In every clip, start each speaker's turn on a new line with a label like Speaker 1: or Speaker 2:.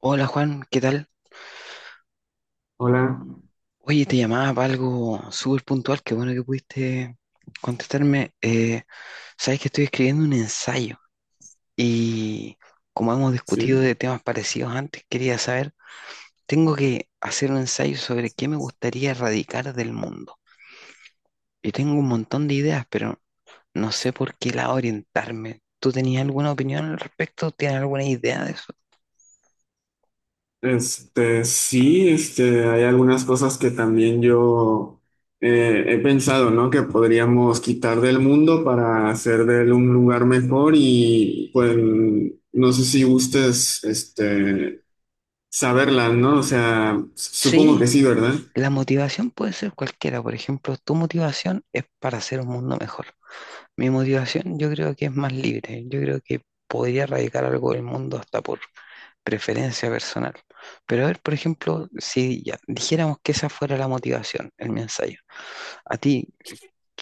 Speaker 1: Hola Juan, ¿qué tal?
Speaker 2: Hola,
Speaker 1: Oye, te llamaba para algo súper puntual, qué bueno que pudiste contestarme. Sabes que estoy escribiendo un ensayo y como hemos discutido
Speaker 2: sí.
Speaker 1: de temas parecidos antes, quería saber, tengo que hacer un ensayo sobre qué me gustaría erradicar del mundo. Y tengo un montón de ideas, pero no sé por qué lado orientarme. ¿Tú tenías alguna opinión al respecto? ¿Tienes alguna idea de eso?
Speaker 2: Sí, hay algunas cosas que también yo he pensado, ¿no? Que podríamos quitar del mundo para hacer de él un lugar mejor y pues no sé si gustes, saberlas, ¿no? O sea, supongo que
Speaker 1: Sí,
Speaker 2: sí, ¿verdad?
Speaker 1: la motivación puede ser cualquiera. Por ejemplo, tu motivación es para hacer un mundo mejor. Mi motivación yo creo que es más libre, yo creo que podría erradicar algo del mundo hasta por preferencia personal. Pero a ver, por ejemplo, si ya dijéramos que esa fuera la motivación, el mensaje, a ti,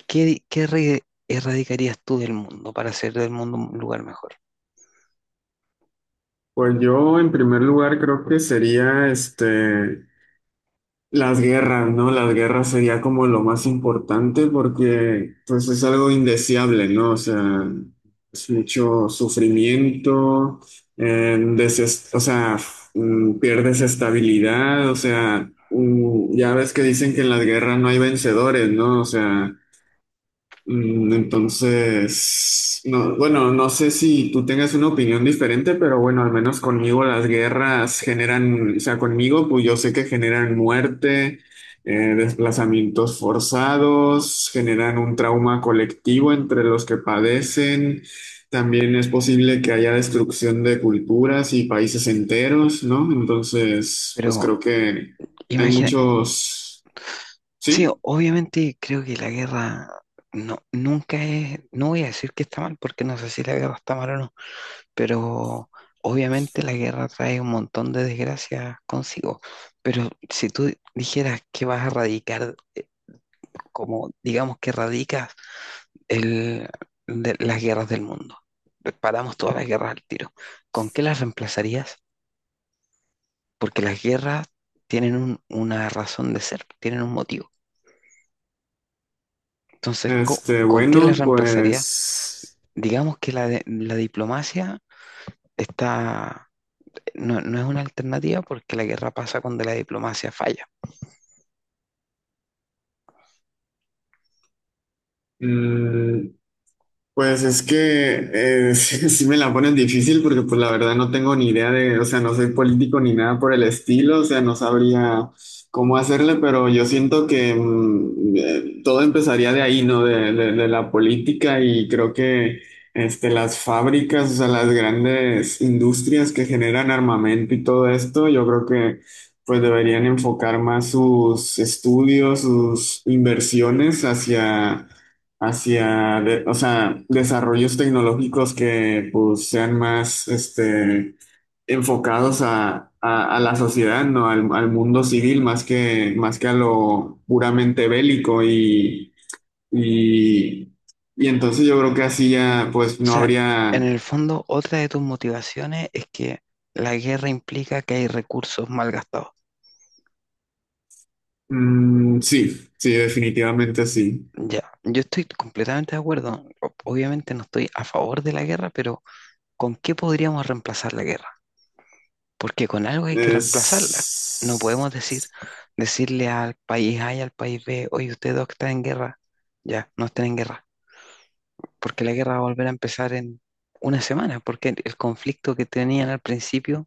Speaker 1: ¿qué, qué re- erradicarías tú del mundo para hacer del mundo un lugar mejor?
Speaker 2: Pues yo en primer lugar creo que sería, las guerras, ¿no? Las guerras sería como lo más importante porque pues es algo indeseable, ¿no? O sea, es mucho sufrimiento, pierdes estabilidad, o sea, ya ves que dicen que en las guerras no hay vencedores, ¿no? O sea, entonces, no, bueno, no sé si tú tengas una opinión diferente, pero bueno, al menos conmigo las guerras generan, o sea, conmigo, pues yo sé que generan muerte, desplazamientos forzados, generan un trauma colectivo entre los que padecen. También es posible que haya destrucción de culturas y países enteros, ¿no? Entonces, pues
Speaker 1: Pero
Speaker 2: creo que hay
Speaker 1: imagina,
Speaker 2: muchos,
Speaker 1: sí,
Speaker 2: sí.
Speaker 1: obviamente creo que la guerra no, nunca es, no voy a decir que está mal, porque no sé si la guerra está mal o no, pero obviamente la guerra trae un montón de desgracias consigo. Pero si tú dijeras que vas a erradicar, como digamos que erradicas el, las guerras del mundo, paramos todas las guerras al tiro, ¿con qué las reemplazarías? Porque las guerras una razón de ser, tienen un motivo. Entonces, ¿con qué las
Speaker 2: Bueno,
Speaker 1: reemplazarías?
Speaker 2: pues.
Speaker 1: Digamos que la diplomacia está, no es una alternativa porque la guerra pasa cuando la diplomacia falla.
Speaker 2: Mm, Pues es que sí, sí me la ponen difícil porque pues la verdad no tengo ni idea de, o sea, no soy político ni nada por el estilo, o sea, no sabría cómo hacerle, pero yo siento que todo empezaría de ahí, ¿no? De la política y creo que las fábricas, o sea, las grandes industrias que generan armamento y todo esto, yo creo que pues deberían enfocar más sus estudios, sus inversiones hacia o sea, desarrollos tecnológicos que pues sean más enfocados a, a la sociedad, ¿no? Al, al mundo civil más que a lo puramente bélico y, y entonces yo creo que así ya pues
Speaker 1: O
Speaker 2: no
Speaker 1: sea, en
Speaker 2: habría,
Speaker 1: el fondo, otra de tus motivaciones es que la guerra implica que hay recursos mal gastados.
Speaker 2: mm, sí, sí, definitivamente sí.
Speaker 1: Ya, yo estoy completamente de acuerdo. Obviamente no estoy a favor de la guerra, pero ¿con qué podríamos reemplazar la guerra? Porque con algo hay que reemplazarla. No podemos
Speaker 2: Es,
Speaker 1: decir, Decirle al país A y al país B, oye, ustedes dos que están en guerra, ya, no estén en guerra, porque la guerra va a volver a empezar en una semana, porque el conflicto que tenían al principio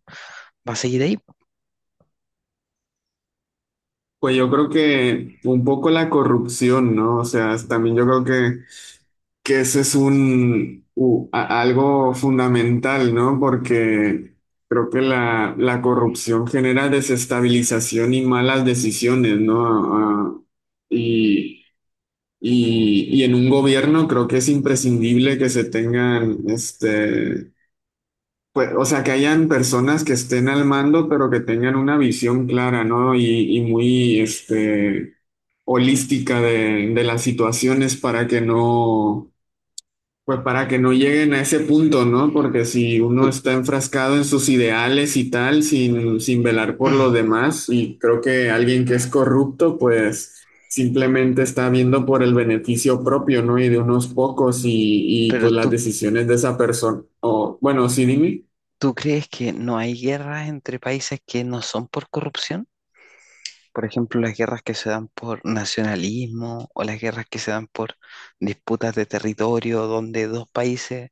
Speaker 1: va a seguir ahí.
Speaker 2: pues yo creo que un poco la corrupción, ¿no? O sea, también yo creo que ese es un algo fundamental, ¿no? Porque creo que la corrupción genera desestabilización y malas decisiones, ¿no? Y, y en un gobierno creo que es imprescindible que se tengan, pues, o sea, que hayan personas que estén al mando, pero que tengan una visión clara, ¿no? Y muy, holística de las situaciones para que no pues para que no lleguen a ese punto, ¿no? Porque si uno
Speaker 1: Tú-
Speaker 2: está enfrascado en sus ideales y tal, sin, sin velar por los demás, y creo que alguien que es corrupto, pues simplemente está viendo por el beneficio propio, ¿no? Y de unos pocos y
Speaker 1: Pero
Speaker 2: pues las
Speaker 1: tú,
Speaker 2: decisiones de esa persona. O bueno, sí, dime.
Speaker 1: ¿Tú crees que no hay guerras entre países que no son por corrupción? Por ejemplo, las guerras que se dan por nacionalismo o las guerras que se dan por disputas de territorio donde dos países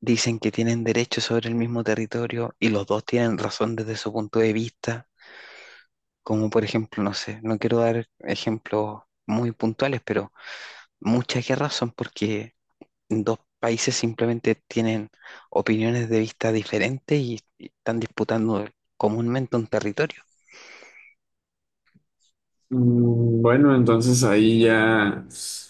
Speaker 1: dicen que tienen derecho sobre el mismo territorio y los dos tienen razón desde su punto de vista. Como por ejemplo, no sé, no quiero dar ejemplos muy puntuales, pero muchas guerras son porque dos países simplemente tienen opiniones de vista diferentes y están disputando comúnmente un territorio.
Speaker 2: Bueno, entonces ahí ya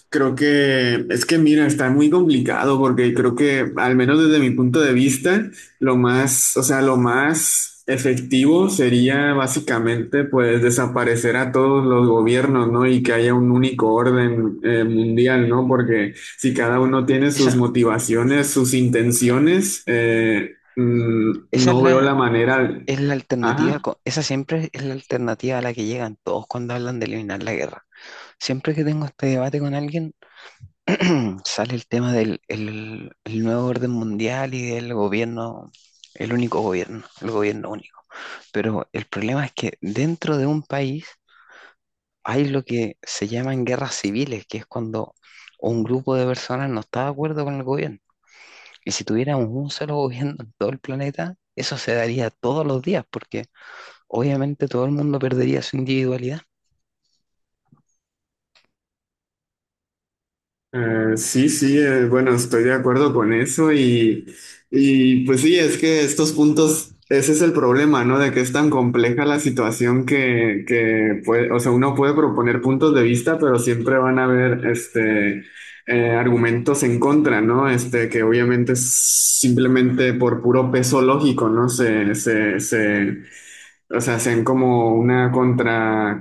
Speaker 2: creo que es que mira, está muy complicado porque creo que al menos desde mi punto de vista, lo más, o sea, lo más efectivo sería básicamente pues desaparecer a todos los gobiernos, ¿no? Y que haya un único orden mundial, ¿no? Porque si cada uno tiene
Speaker 1: Esa,
Speaker 2: sus motivaciones, sus intenciones,
Speaker 1: esa es
Speaker 2: no veo la manera.
Speaker 1: es la alternativa,
Speaker 2: Ajá.
Speaker 1: esa siempre es la alternativa a la que llegan todos cuando hablan de eliminar la guerra. Siempre que tengo este debate con alguien, sale el tema del el nuevo orden mundial y del gobierno, el único gobierno, el gobierno único. Pero el problema es que dentro de un país hay lo que se llaman guerras civiles, que es cuando un grupo de personas no está de acuerdo con el gobierno. Y si tuviéramos un solo gobierno en todo el planeta, eso se daría todos los días, porque obviamente todo el mundo perdería su individualidad.
Speaker 2: Sí, sí, bueno, estoy de acuerdo con eso y pues sí, es que estos puntos, ese es el problema, ¿no? De que es tan compleja la situación que puede, o sea, uno puede proponer puntos de vista, pero siempre van a haber, argumentos en contra, ¿no? Que obviamente es simplemente por puro peso lógico, ¿no? Se, o sea, hacen como una contra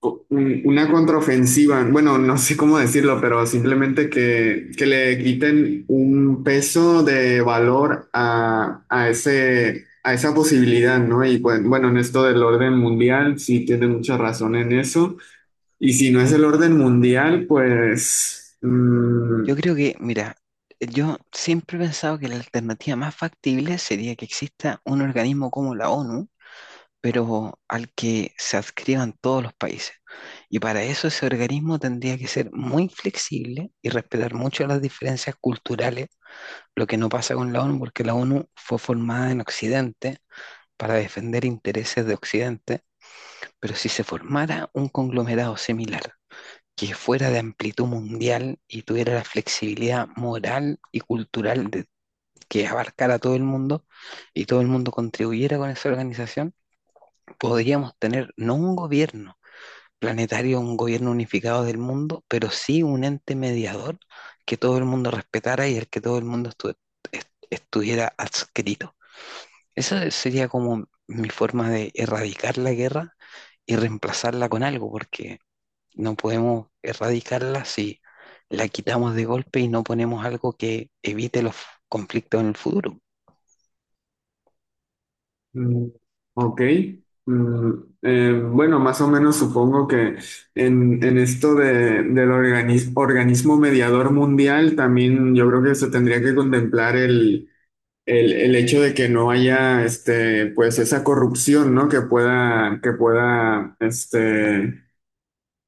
Speaker 2: una contraofensiva, bueno, no sé cómo decirlo, pero simplemente que le quiten un peso de valor a ese, a esa posibilidad, ¿no? Y pues, bueno, en esto del orden mundial, sí tiene mucha razón en eso. Y si no es el orden mundial, pues mm,
Speaker 1: Yo creo que, mira, yo siempre he pensado que la alternativa más factible sería que exista un organismo como la ONU, pero al que se adscriban todos los países. Y para eso ese organismo tendría que ser muy flexible y respetar mucho las diferencias culturales, lo que no pasa con la ONU, porque la ONU fue formada en Occidente para defender intereses de Occidente, pero si se formara un conglomerado similar, que fuera de amplitud mundial y tuviera la flexibilidad moral y cultural de, que abarcara todo el mundo y todo el mundo contribuyera con esa organización, podríamos tener no un gobierno planetario, un gobierno unificado del mundo, pero sí un ente mediador que todo el mundo respetara y al que todo el mundo estuviera adscrito. Esa sería como mi forma de erradicar la guerra y reemplazarla con algo, porque no podemos erradicarla si la quitamos de golpe y no ponemos algo que evite los conflictos en el futuro.
Speaker 2: mm, ok. Mm, bueno, más o menos supongo que en esto del organismo mediador mundial también yo creo que se tendría que contemplar el hecho de que no haya pues esa corrupción, ¿no? Que pueda,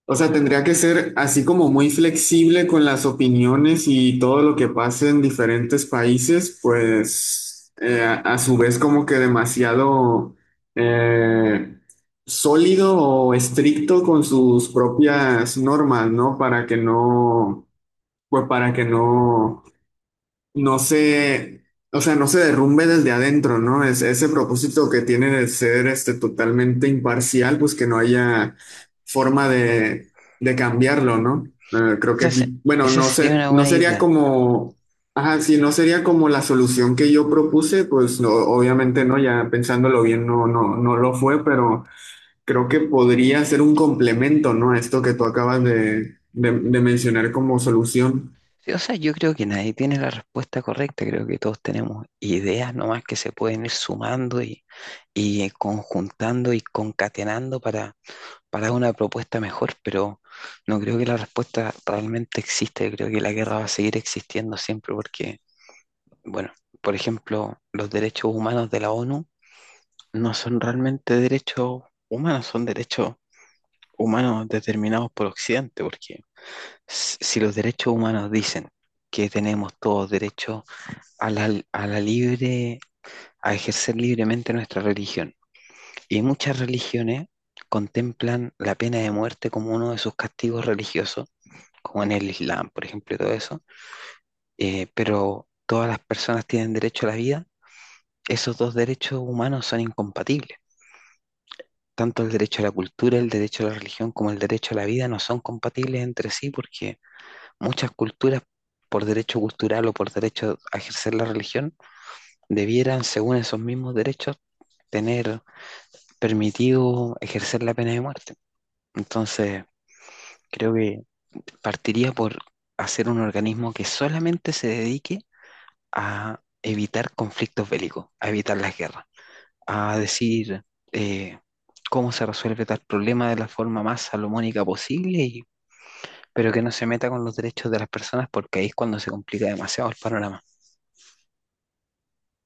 Speaker 2: o sea, tendría que ser así como muy flexible con las opiniones y todo lo que pase en diferentes países, pues a su vez como que demasiado eh, sólido o estricto con sus propias normas, ¿no? Para que no, pues para que no no se, o sea, no se derrumbe desde adentro, ¿no? Es, ese propósito que tiene de ser totalmente imparcial, pues que no haya forma de cambiarlo, ¿no? Creo que
Speaker 1: Esa, se-
Speaker 2: aquí, bueno,
Speaker 1: esa
Speaker 2: no
Speaker 1: sería
Speaker 2: sé,
Speaker 1: una
Speaker 2: no
Speaker 1: buena
Speaker 2: sería
Speaker 1: idea.
Speaker 2: como, ajá, sí, no sería como la solución que yo propuse, pues no, obviamente no, ya pensándolo bien, no, no, no lo fue, pero creo que podría ser un complemento, ¿no? A esto que tú acabas de mencionar como solución.
Speaker 1: Sí, o sea, yo creo que nadie tiene la respuesta correcta, creo que todos tenemos ideas nomás que se pueden ir sumando y conjuntando y concatenando para una propuesta mejor, pero no creo que la respuesta realmente exista. Yo creo que la guerra va a seguir existiendo siempre porque, bueno, por ejemplo, los derechos humanos de la ONU no son realmente derechos humanos, son derechos humanos determinados por Occidente, porque si los derechos humanos dicen que tenemos todos derecho a a la libre, a ejercer libremente nuestra religión, y muchas religiones contemplan la pena de muerte como uno de sus castigos religiosos, como en el Islam, por ejemplo, y todo eso, pero todas las personas tienen derecho a la vida, esos dos derechos humanos son incompatibles. Tanto el derecho a la cultura, el derecho a la religión, como el derecho a la vida no son compatibles entre sí porque muchas culturas, por derecho cultural o por derecho a ejercer la religión, debieran, según esos mismos derechos, tener permitido ejercer la pena de muerte. Entonces, creo que partiría por hacer un organismo que solamente se dedique a evitar conflictos bélicos, a evitar las guerras, a decir eh, cómo se resuelve tal problema de la forma más salomónica posible, pero que no se meta con los derechos de las personas porque ahí es cuando se complica demasiado el panorama.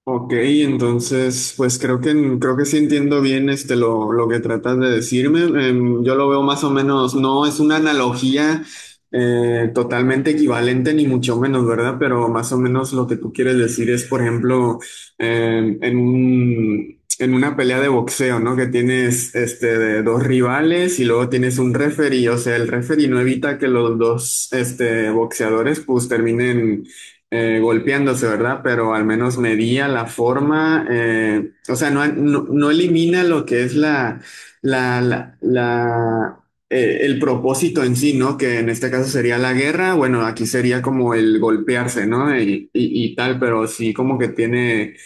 Speaker 2: Ok, entonces, pues creo que sí entiendo bien este lo que tratas de decirme. Em, yo lo veo más o menos, no es una analogía totalmente equivalente, ni mucho menos, ¿verdad? Pero más o menos lo que tú quieres decir es, por ejemplo, en un en una pelea de boxeo, ¿no? Que tienes este de dos rivales y luego tienes un referee, o sea, el referee no evita que los dos este boxeadores pues terminen golpeándose, ¿verdad? Pero al menos medía la forma, o sea, no, no, no elimina lo que es la, el propósito en sí, ¿no? Que en este caso sería la guerra, bueno, aquí sería como el golpearse, ¿no? Y tal, pero sí como que tiene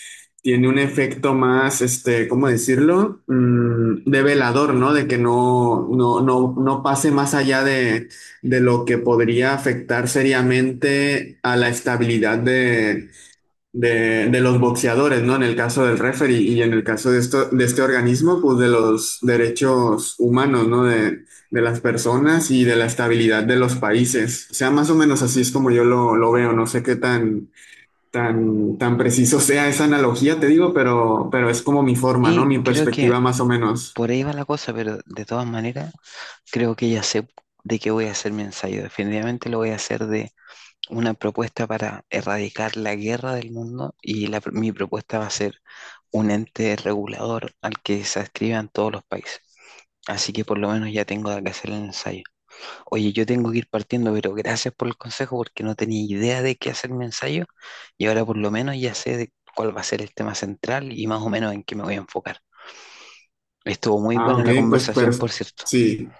Speaker 2: tiene un efecto más, ¿cómo decirlo? De velador, ¿no? De que no, no, no, no pase más allá de lo que podría afectar seriamente a la estabilidad de los boxeadores, ¿no? En el caso del referee y en el caso de, esto, de este organismo, pues de los derechos humanos, ¿no? De las personas y de la estabilidad de los países. O sea, más o menos así es como yo lo veo. No sé qué tan tan, tan preciso sea esa analogía, te digo, pero es como mi forma, ¿no?
Speaker 1: Sí,
Speaker 2: Mi
Speaker 1: creo que
Speaker 2: perspectiva más o menos.
Speaker 1: por ahí va la cosa, pero de todas maneras creo que ya sé de qué voy a hacer mi ensayo. Definitivamente lo voy a hacer de una propuesta para erradicar la guerra del mundo y mi propuesta va a ser un ente regulador al que se adscriban todos los países. Así que por lo menos ya tengo de qué hacer el ensayo. Oye, yo tengo que ir partiendo, pero gracias por el consejo porque no tenía idea de qué hacer mi ensayo y ahora por lo menos ya sé de cuál va a ser el tema central y más o menos en qué me voy a enfocar. Estuvo muy
Speaker 2: Ah,
Speaker 1: buena
Speaker 2: ok,
Speaker 1: la
Speaker 2: pues
Speaker 1: conversación, por
Speaker 2: perfecto.
Speaker 1: cierto.
Speaker 2: Sí,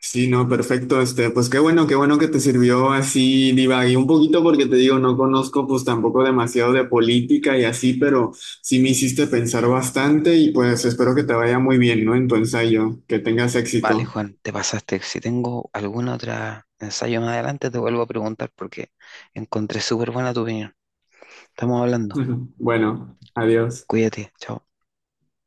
Speaker 2: sí, no, perfecto. Pues qué bueno que te sirvió así, divagué un poquito porque te digo, no conozco pues tampoco demasiado de política y así, pero sí me hiciste pensar bastante y pues espero que te vaya muy bien, ¿no? En tu ensayo, que tengas
Speaker 1: Vale,
Speaker 2: éxito.
Speaker 1: Juan, te pasaste. Si tengo alguna otra ensayo más adelante, te vuelvo a preguntar porque encontré súper buena tu opinión. Estamos hablando.
Speaker 2: Bueno, adiós.
Speaker 1: Cuídate. Chao.